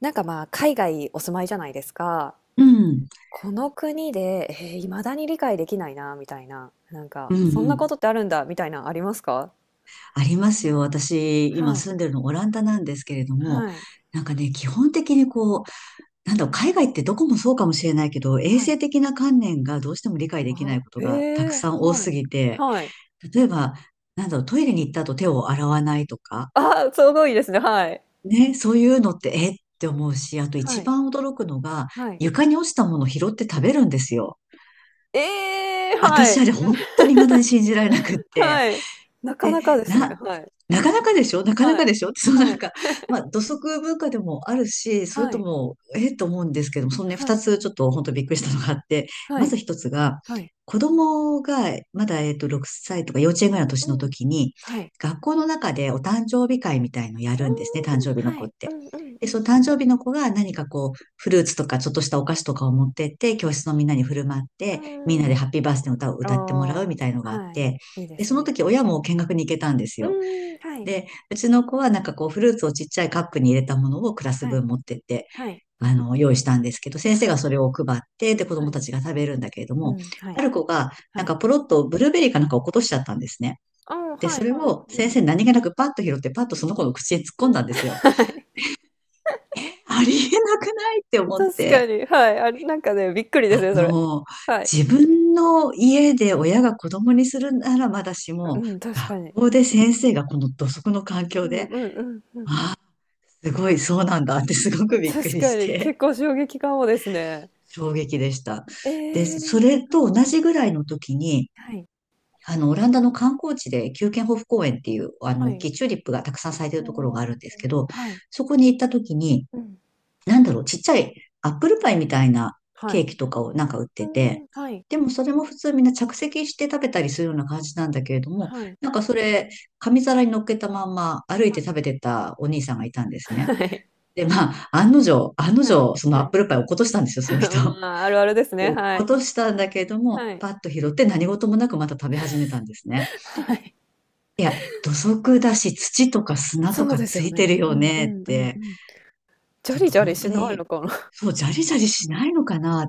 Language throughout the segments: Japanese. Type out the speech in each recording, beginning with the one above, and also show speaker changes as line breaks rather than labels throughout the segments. なんかまあ、海外お住まいじゃないですか。
うん、
この国で、未だに理解できないな、みたいな。なんか、
うん、
そん
う
なこ
ん。
とってあるんだ、みたいな、ありますか？
ありますよ。私、今
はい。
住んでるのオランダなんですけれども、
はい。
なんかね、基本的にこう、なんだろう、海外ってどこもそうかもしれないけど、衛
はい。
生的な観念がどうしても理解できな
あ、
いこと
え
がたく
え
さん
ー
多
は
す
い。
ぎて、
はい。
例えば、なんだろう、トイレに行った後手を洗わないとか、
あ、すごいですね。はい。
ね、そういうのって、えって思うし、あと
は
一
い。
番驚くのが、
はい。
床に落ちたものを拾って食べるんですよ。
ええーは
私、
い。
あれ本当に未だに信じられなくって。
はい。なか
で、
なかですね。
な、
はい。
なかなかでしょなかな
は
か
い。
でしょって、そうな
は
ん
い。
か、まあ、土足文化でもあるし、それ
は
と
い。
も、ええと思うんですけども、そのね、
は
二
い。
つちょっと本当びっくりしたのがあって、
は
ま
い。
ず一つが、
はい。
子供がまだ、6歳とか幼稚園
う
ぐらいの年の
んうん。
時に、
はい。
学校の中でお誕生日会みたいのをや
あー
るんですね、誕生日の
は
子っ
い。う
て。
んうんう
で、その
ん。
誕生日の子が何かこう、フルーツとかちょっとしたお菓子とかを持ってって、教室のみんなに振る舞って、み
う
んなで
ん。
ハッピーバースデーの歌を
あ
歌ってもらう
あ、
みたいのがあっ
はい。
て、
いいで
で、
す
その
ね。
時親
う
も
ん。
見学に行けたんです
う
よ。
ーん、はい。
で、うちの子はなんかこうフルーツをちっちゃいカップに入れたものをクラス
はい。
分持ってって、
はい。
用意したんですけど、先生
は
が
い。
それを配って、で、子
は
供
い。
たちが食べるんだけれど
う
も、
ん、は
あ
い。
る子がな
は
ん
い。
かポロッとブルーベリーかなんか落っことしちゃったんですね。
ああ、
で、
は
そ
い
れ
はい。
を
う
先
ん。
生何気なくパッと拾って、パッとその子の口へ突っ込んだんですよ。
はい。
ありえなくないって 思っ
確か
て、
に、はい。あれ、なんかね、びっくりです
あ
ね、それ。
の、
はい。
自分の家で親が子供にするならまだし
う
も、
ん、確
学
かに。
校で先生がこの土足の環
う
境
ん
で
うんうんうん。
すごい、そうなんだって すごくびっく
確
り
か
し
に、
て、
結構衝撃かもですね。
衝撃でした。
え
で、
え。う
そ
ん
れ
う
と同
ん。
じぐらいの時に、
はい。
オランダの観光地で、キューケンホフ公園っていう、あ
は
の、大
い。
きいチューリップがたくさん咲いてるところが
お
あ
あ、
るんですけど、
はい。
そこに行った時に、
うん。
なんだろう、ちっちゃいアップルパイみたいな
は
ケー
い。
キとかをなんか売っ
う
てて、
ーん、はい。
でもそれも普通みんな着席して食べたりするような感じなんだけれども、
はい。
なんかそれ、紙皿に乗っけたまんま歩い
は
て食べてたお兄さんがいたんですね。
い。はい。
で、まあ、案の定、案の
はい。
定、その
は
アッ
い。
プルパイ落っことしたんですよ、その人。
まあ、あるあるです
で、
ね。
落っ
は
こ
い。
としたんだけども、
はい。
パッと拾って何事もなくまた食べ始めたんですね。
はい。
いや、土足だし、土とか砂と
そう
か
です
つ
よ
いて
ね。
る
う
よ
んう
ねっ
んうんう
て、
ん。ジャ
ちょっ
リ
と
ジャ
本
リ
当
しない
に、
のかな。
そう、ジャリジャリしないのかな。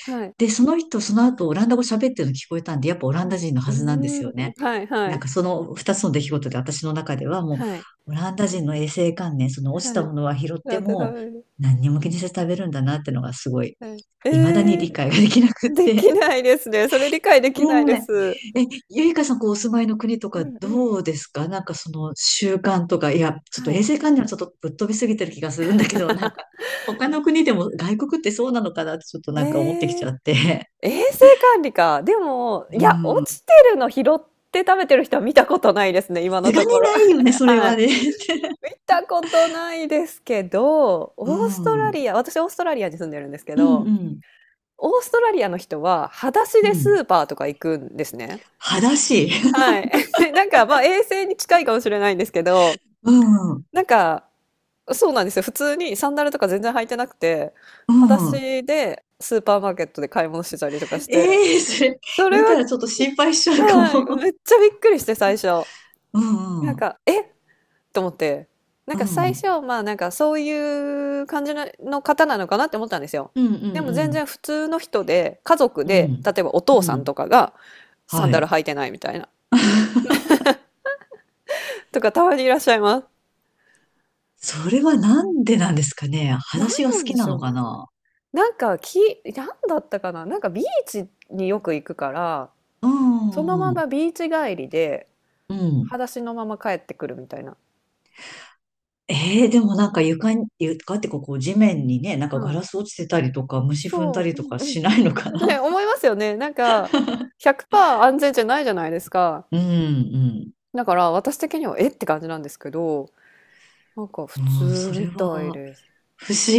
はい。
で、その人、その後、オランダ語喋ってるの聞こえたんで、やっぱオラン
は
ダ
い。
人の
う
はずなんで
ー
すよ
ん。
ね。
はいは
なん
い。
かその二つの出来事で私の中ではも
はい。
う、オランダ人の衛生観念、その落ち
は
た
い。
ものは拾って
ラテ食
も、
べる。
何にも気にせず食べるんだなってのがす
う
ごい
ん、はい。
未だに理解ができなくっ
で
て。
きないですね。それ理解できないで
ね
す。
え。え、ゆいかさん、こう、お住まいの国と
う
か
んう
ど
ん。
うですかなんかその習慣とか、いや、ちょっと
は
衛
い。
生観念はちょっとぶっ飛びすぎてる気がするんだけど、なん か、他の国でも外国ってそうなのかなってちょっとなんか思ってき
え
ち
え、
ゃって。
衛生管理か。でも、
う
いや、落ち
ん。
てるの拾って食べてる人は見たことないですね、
さ
今の
すが
と
に
ころ。
ないよね、それ
は
は
い。
ね。
見たことないですけど、
う
オースト
ん。う
ラ
ん
リア、私オーストラリアに住んでるんですけ
う
ど、
ん
オーストラリアの人は裸足
う
でス
ん。
ーパーとか行くんですね。
裸足。
はい。なんかまあ衛生に近いかもしれないんですけど、
うん。
なんかそうなんですよ。普通にサンダルとか全然履いてなくて、
う
裸
ん。
足でスーパーマーケットで買い物してたりとかして、
ええそれ、
それ
見
は、
たらちょっと心配しちゃうか
はい、
も。
めっちゃびっくりして最初。
う
なん
んうん。
か、え、と思って、なん
う
か最
ん。
初、まあなんかそういう感じのの方なのかなって思ったんですよ。
うんう
で
ん
も
う
全
ん。
然普通の人で、家族
う
で、例
ん。
えばお父
う
さん
ん。
とかがサン
は
ダル
い。
履いてないみたいな、とかたまにいらっしゃいます。
それはなんでなんですかね。裸
なん
足が好
なんで
きな
しょ
の
うね。
かな。
なんかなんだったかな。なんかビーチによく行くから、
うん
その
うんう
ま
ん。
まビーチ帰りで、
うん。
裸足のまま帰ってくるみたいな。
えー、でもなんか床に、床ってこう、こう地面にね、なんかガ
はい。
ラス落ちてたりとか、虫踏んだ
そ
り
う、う
と
ん
かしないのか
うん。ね、
な。
思いますよね。なんか、100%安全じゃないじゃないですか。
うんうん。
だから私的にはえって感じなんですけど、なんか普
うん、
通
そ
み
れは
たいです。
不思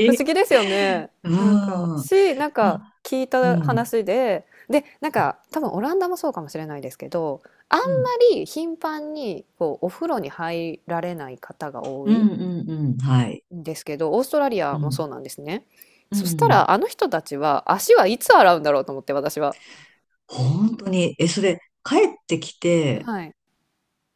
不思議ですよ ね。
う
なんか、
ん。
なん
ま
か
あ、
聞い
う
た
ん。
話で、で、なんか多分オランダもそうかもしれないですけど、あんま
うん。
り頻繁にこうお風呂に入られない方が多
う
い
んうんうん。はい。
んですけど、オーストラリ
う
アもそ
ん。
うなんですね。
う
そした
ん。
らあの人たちは足はいつ洗うんだろうと思って私は。
本当に、え、それ、帰ってきて、
はい。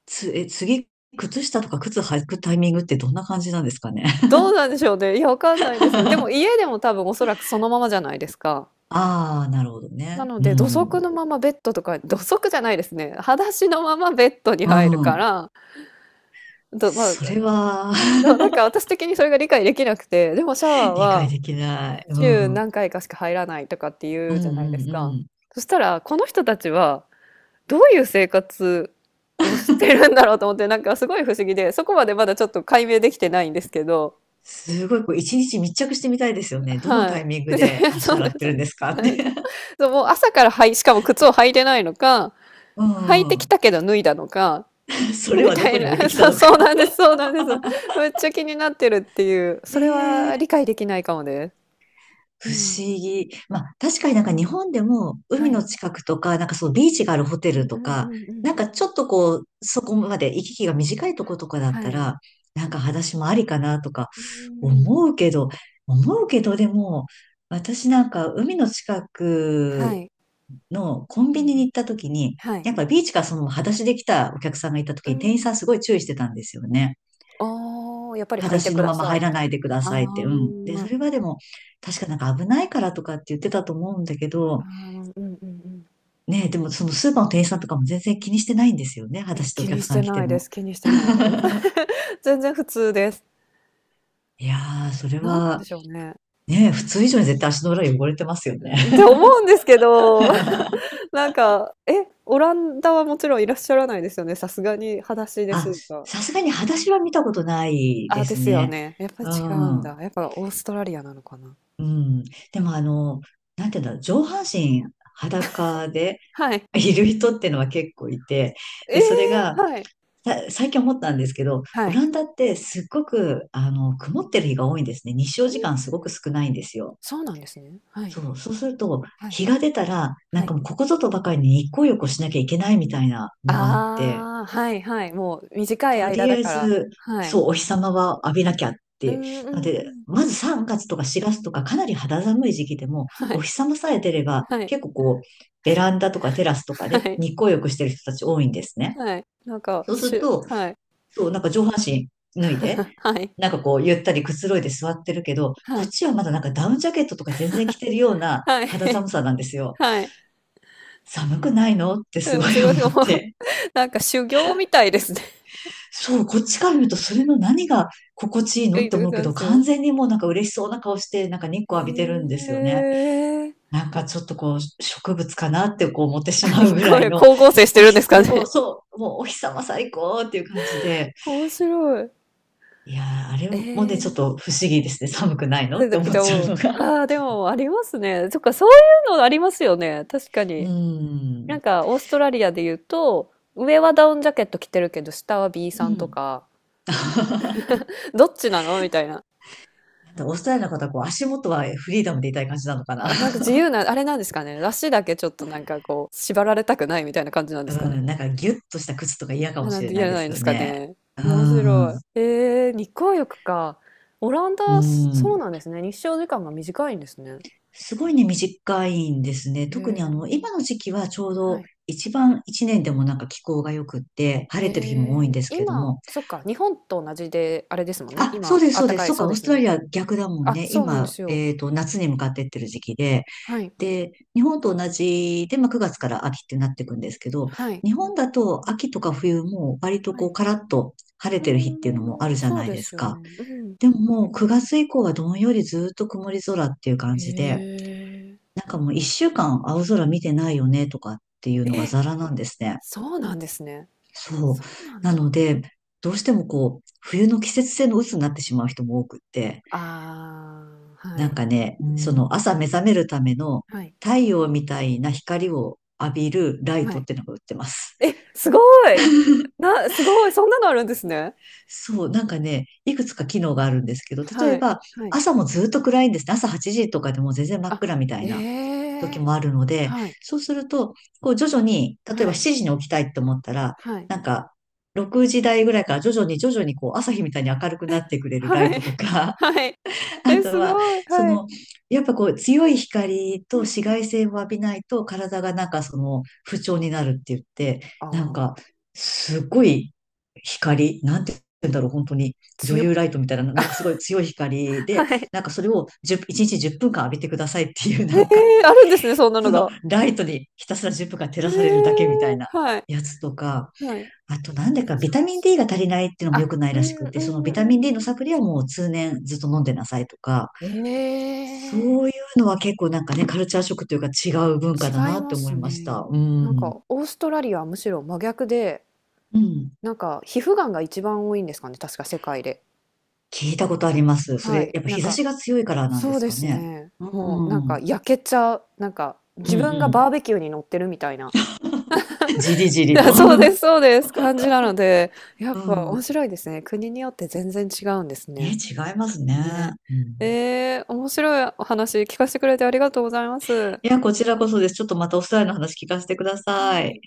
次、靴下とか靴履くタイミングってどんな感じなんですかね。
どうなんでしょうね。いや、わかんないです。でも家 でも多分おそらくそのままじゃないですか。
ああ、なるほど
な
ね。
の
う
で、土足
ん。
のままベッドとか土足じゃないですね。裸足のままベッドに
う
入るか
ん。
ら、どまあ、
それは
どなんか 私的にそれが理解できなくて、でもシャワー
理解
は
できない。う
週
ん。うん
何回かしか入らないとかってい
うん
うじゃないです
う
か。
ん。
そしたら、この人たちはどういう生活をしてるんだろうと思って、なんかすごい不思議で、そこまでまだちょっと解明できてないんですけど、
すごい、こう、一日密着してみたいですよね。どの
は
タイミング
い。で、
で 足
そう
洗
で
っ
す。
てるんですかって。
はい。 そうもう朝からはい、しかも靴を履いてないのか、
う
履いてき
ん。
たけど脱いだのか、
そ れ
み
はど
たい
こに置いて
な。
きた
そう、
の
そう
か。
なんです、そうなんです。めっちゃ気になってるっていう。それ
え
は
え
理解できないかもです。う
不
ん。
思議。まあ、確かになんか日本でも
は
海の
い。
近くとか、なんかそのビーチがあるホテ
うん
ル
う
と
んう
か、
んうん。
なんかちょっとこう、そこまで行き来が短いとことかだった
はい。
ら、なんか裸足もありかなとか
うんうんうん。
思うけど、思うけどでも、私なんか海の近
は
く
い。
のコン
うん
ビ
う
ニに
ん。
行った時に、
はい。
やっぱビーチからそのまま裸足で来たお客さんがいた
う
時
ー
に店員さん
ん。
すごい注意してたんですよね。
ああ、やっぱり
裸
履いて
足
く
の
だ
まま
さい
入
み
ら
た
な
い
いでくだ
な。
さいって。うん。で、
あ
そ
あ。
れはでも、確かなんか危ないからとかって言ってたと思うんだけ
あ
ど、
あ、うんうんうん。
ねえ、でもそのスーパーの店員さんとかも全然気にしてないんですよね。裸
え、
足でお
気に
客
し
さん
て
来て
ないで
も。
す。気にしてないです。全然普通です。
いやー、それ
何なん
は、
でしょうね。
ねえ、普通以上に絶対足の裏汚れてますよね。
って 思うんですけど。なんか、え、オランダはもちろんいらっしゃらないですよね。さすがに裸足でス
あ、
ーパー。
さすがに裸足は見たことない
あ、
で
で
す
すよ
ね。
ね。やっぱり
う
違うん
ん。
だ。やっぱオーストラリアなのかな。
うん。でもあの、なんていうんだろう、上半身裸で
はい。
いる人ってのは結構いて、
え
で、それ
え、
が、
はい。
最近思ったんですけど、
は
オ
い。
ランダってすっごく、あの、曇ってる日が多いんですね。日照時間すごく少ないんですよ。
そうなんですね。はい。
そう、そうすると、
はい。
日が出たら、な
は
んか
い。
もうここぞとばかりに日光浴をしなきゃいけないみたいなのがあって、
ああ、はいはい。もう短い
と
間
りあ
だ
え
から。
ず、
はい。
そう、お日様は浴びなきゃっ
う
て。
んう
なの
んう
で、
ん。
まず3月とか4月とかかなり肌寒い時期でも、
は
お
い。
日様さえ出れば、
はい。
結構こう、ベランダとかテラスとか
は
で
い。
日光浴してる人たち多いんですね。
はい。なんか、
そうすると、
はい。
そう、なんか上半身脱いで、
はい。
なんかこう、ゆったりくつろいで座ってるけど、
は
こっ
い。
ちはまだなんかダウンジャケットとか全然着てるような
は
肌
い。
寒さなんですよ。
はい。
寒くないのって す
で
ご
も
い思
違う、
っ
もう
て。
なんか修行みたいですね。
そう、こっちから見るとそれの何が心地いいの
え、い
っ
っ
て
たこ
思う
て
け
あんで
ど、
す
完
よ。
全にもうなんか嬉しそうな顔して、なんか日光浴びてるんで
へ
すよね。
え。
なんかちょっとこう、植物かなってこう思ってし
あ、
ま
日
うぐら
光
い
浴、
の、
光合成し
お
てる
日
んですか
様、もう
ね。
そう、もうお日様最高っていう感じで、
面白い。
いやー、あれ
え
もね、ちょっ
え。
と不思議ですね。寒くないの
え、
っ
だ
て
って
思っ
で
ちゃう
も、
の
あ
が。
あ、でもありますね。そっか、そういうのありますよね。確か
う
に。な
ん。
んか、オーストラリアで言うと、上はダウンジャケット着てるけど、下は B
う
さんと
ん。
か、どっちなのみたいな。
なんかオーストラリアの方はこう足元はフリーダムでいたい感じなのかな。
あ、なんか 自由な、あれなんですかね。足だけちょっとなんかこう、縛られたくないみたいな感じなんで
う
すかね。
ん。なんかギュッとした靴とか嫌かも
な
し
ん
れ
で
な
や
い
ら
で
ないん
す
で
よ
すか
ね。
ね。
う
面白
ん。
い。日光浴か。オラン
う
ダ、そ
ん。
うなんですね。日照時間が短いんですね。
すごいね、短いんですね。
へ
特にあ
え、
の、今の時期はちょう
は
ど
い。
一番一年でもなんか気候が良くって、晴れてる日も多い
へ
ん
え、
ですけれど
今、
も。
そっか、日本と同じで、あれですもんね。
あ、そ
今、
うです、
あっ
そう
た
です。
かい、
そっ
そう
か、オ
で
ース
す
トラ
ね。
リア逆だもん
あ、
ね。
そうなんで
今、
すよ。
夏に向かってってる時期で。
はい。
で、日本と同じで、
う
まあ、
ん、
9月から秋ってなっていくんですけど、
はい。
日本だと秋とか冬も割と
は
こう
い。
カラッと晴れ
う
てる日っていうのもあ
ー
る
ん、
じゃ
そう
ない
で
です
すよ
か。
ね。うん。
でももう9月以降はどんよりずっと曇り空っていう感じで、
へえ。
なんかもう1週間青空見てないよねとかっていうのが
え、
ザラなんですね。
そうなんですね。
そう。
そうなん
な
だ。
ので、どうしてもこう、冬の季節性の鬱になってしまう人も多くって、
ああ、は
なん
い。
か
うん
ね、
う
う
ん
そん。
う
の
ん。
朝目覚めるための
はい。
太陽みたいな光を浴びるライ
は
ト
い。
ってのが売ってます。
え、すごい。すごい、そんなのあるんですね。
そう、なんかね、いくつか機能があるんですけど、例
は
え
い、
ば
はい。
朝もずっと暗いんですね。朝8時とかでも全然真っ
あ、
暗みたいな
え
時
え、
もあるので、
はい、
そうすると、こう徐々に、例
は
えば
い、
7時に起きたいと思ったら、
はい、
なんか6時台ぐらいから徐々に徐々にこう朝日みたいに明るくなってくれるライ
はい、
トとか、
はい。
あ
え、
と
す
は、
ごい、
そ
はい。
の、やっぱこう、強い光
う
と
ん
紫
う
外
ん。
線を浴びないと、体がなんかその、不調になるって言って、
あ
なん
あ、
か、すごい光、なんて言うんだろう、本当に、女
強
優ライトみたいな、なんかすごい強い光で、
はい。
なんかそれを10分間浴びてくださいっていう、
え
なんか、
え、あるんですね、そんなの
その、
が。
ライトにひたすら10分間照
え
らされるだけみたい
え、
な。
はい、
やつとか、
はい。
あとなんで
めっ
かビ
ちゃ
タ
面
ミン D が
白い。
足りないっていうのも良
あ、
くない
う
らし
んうん
く
う
て、そのビ
ん
タミン D
う
のサプ
ん。
リはもう通年ずっと飲んでなさいとか、
ええ、
そういうのは結構なんかね、カルチャーショックというか違う文化だ
違い
なっ
ま
て思
す
いまし
ね。
た。う
なん
ん。
かオーストラリアはむしろ真逆で
うん。
なんか、皮膚がんが一番多いんですかね、確か世界で。
聞いたことあります。そ
は
れ、
い。
やっぱ
なん
日差し
か、
が強いからなんで
そう
す
で
か
す
ね。
ね。
う
もうなん
ん。う
か
ん
焼けちゃう。なんか、
う
自分が
ん。
バーベキューに乗ってるみたいな。
じりじ
い
り
や
と。
そうです、そうです。感じなので、やっ
う
ぱ面
ん。
白いですね。国によって全然違うんです
ね、
ね。
違いますね。
ね。
うん。
面白いお話聞かせてくれてありがとうございます。
いや、こちらこそです。ちょっとまたお二人の話聞かせてください。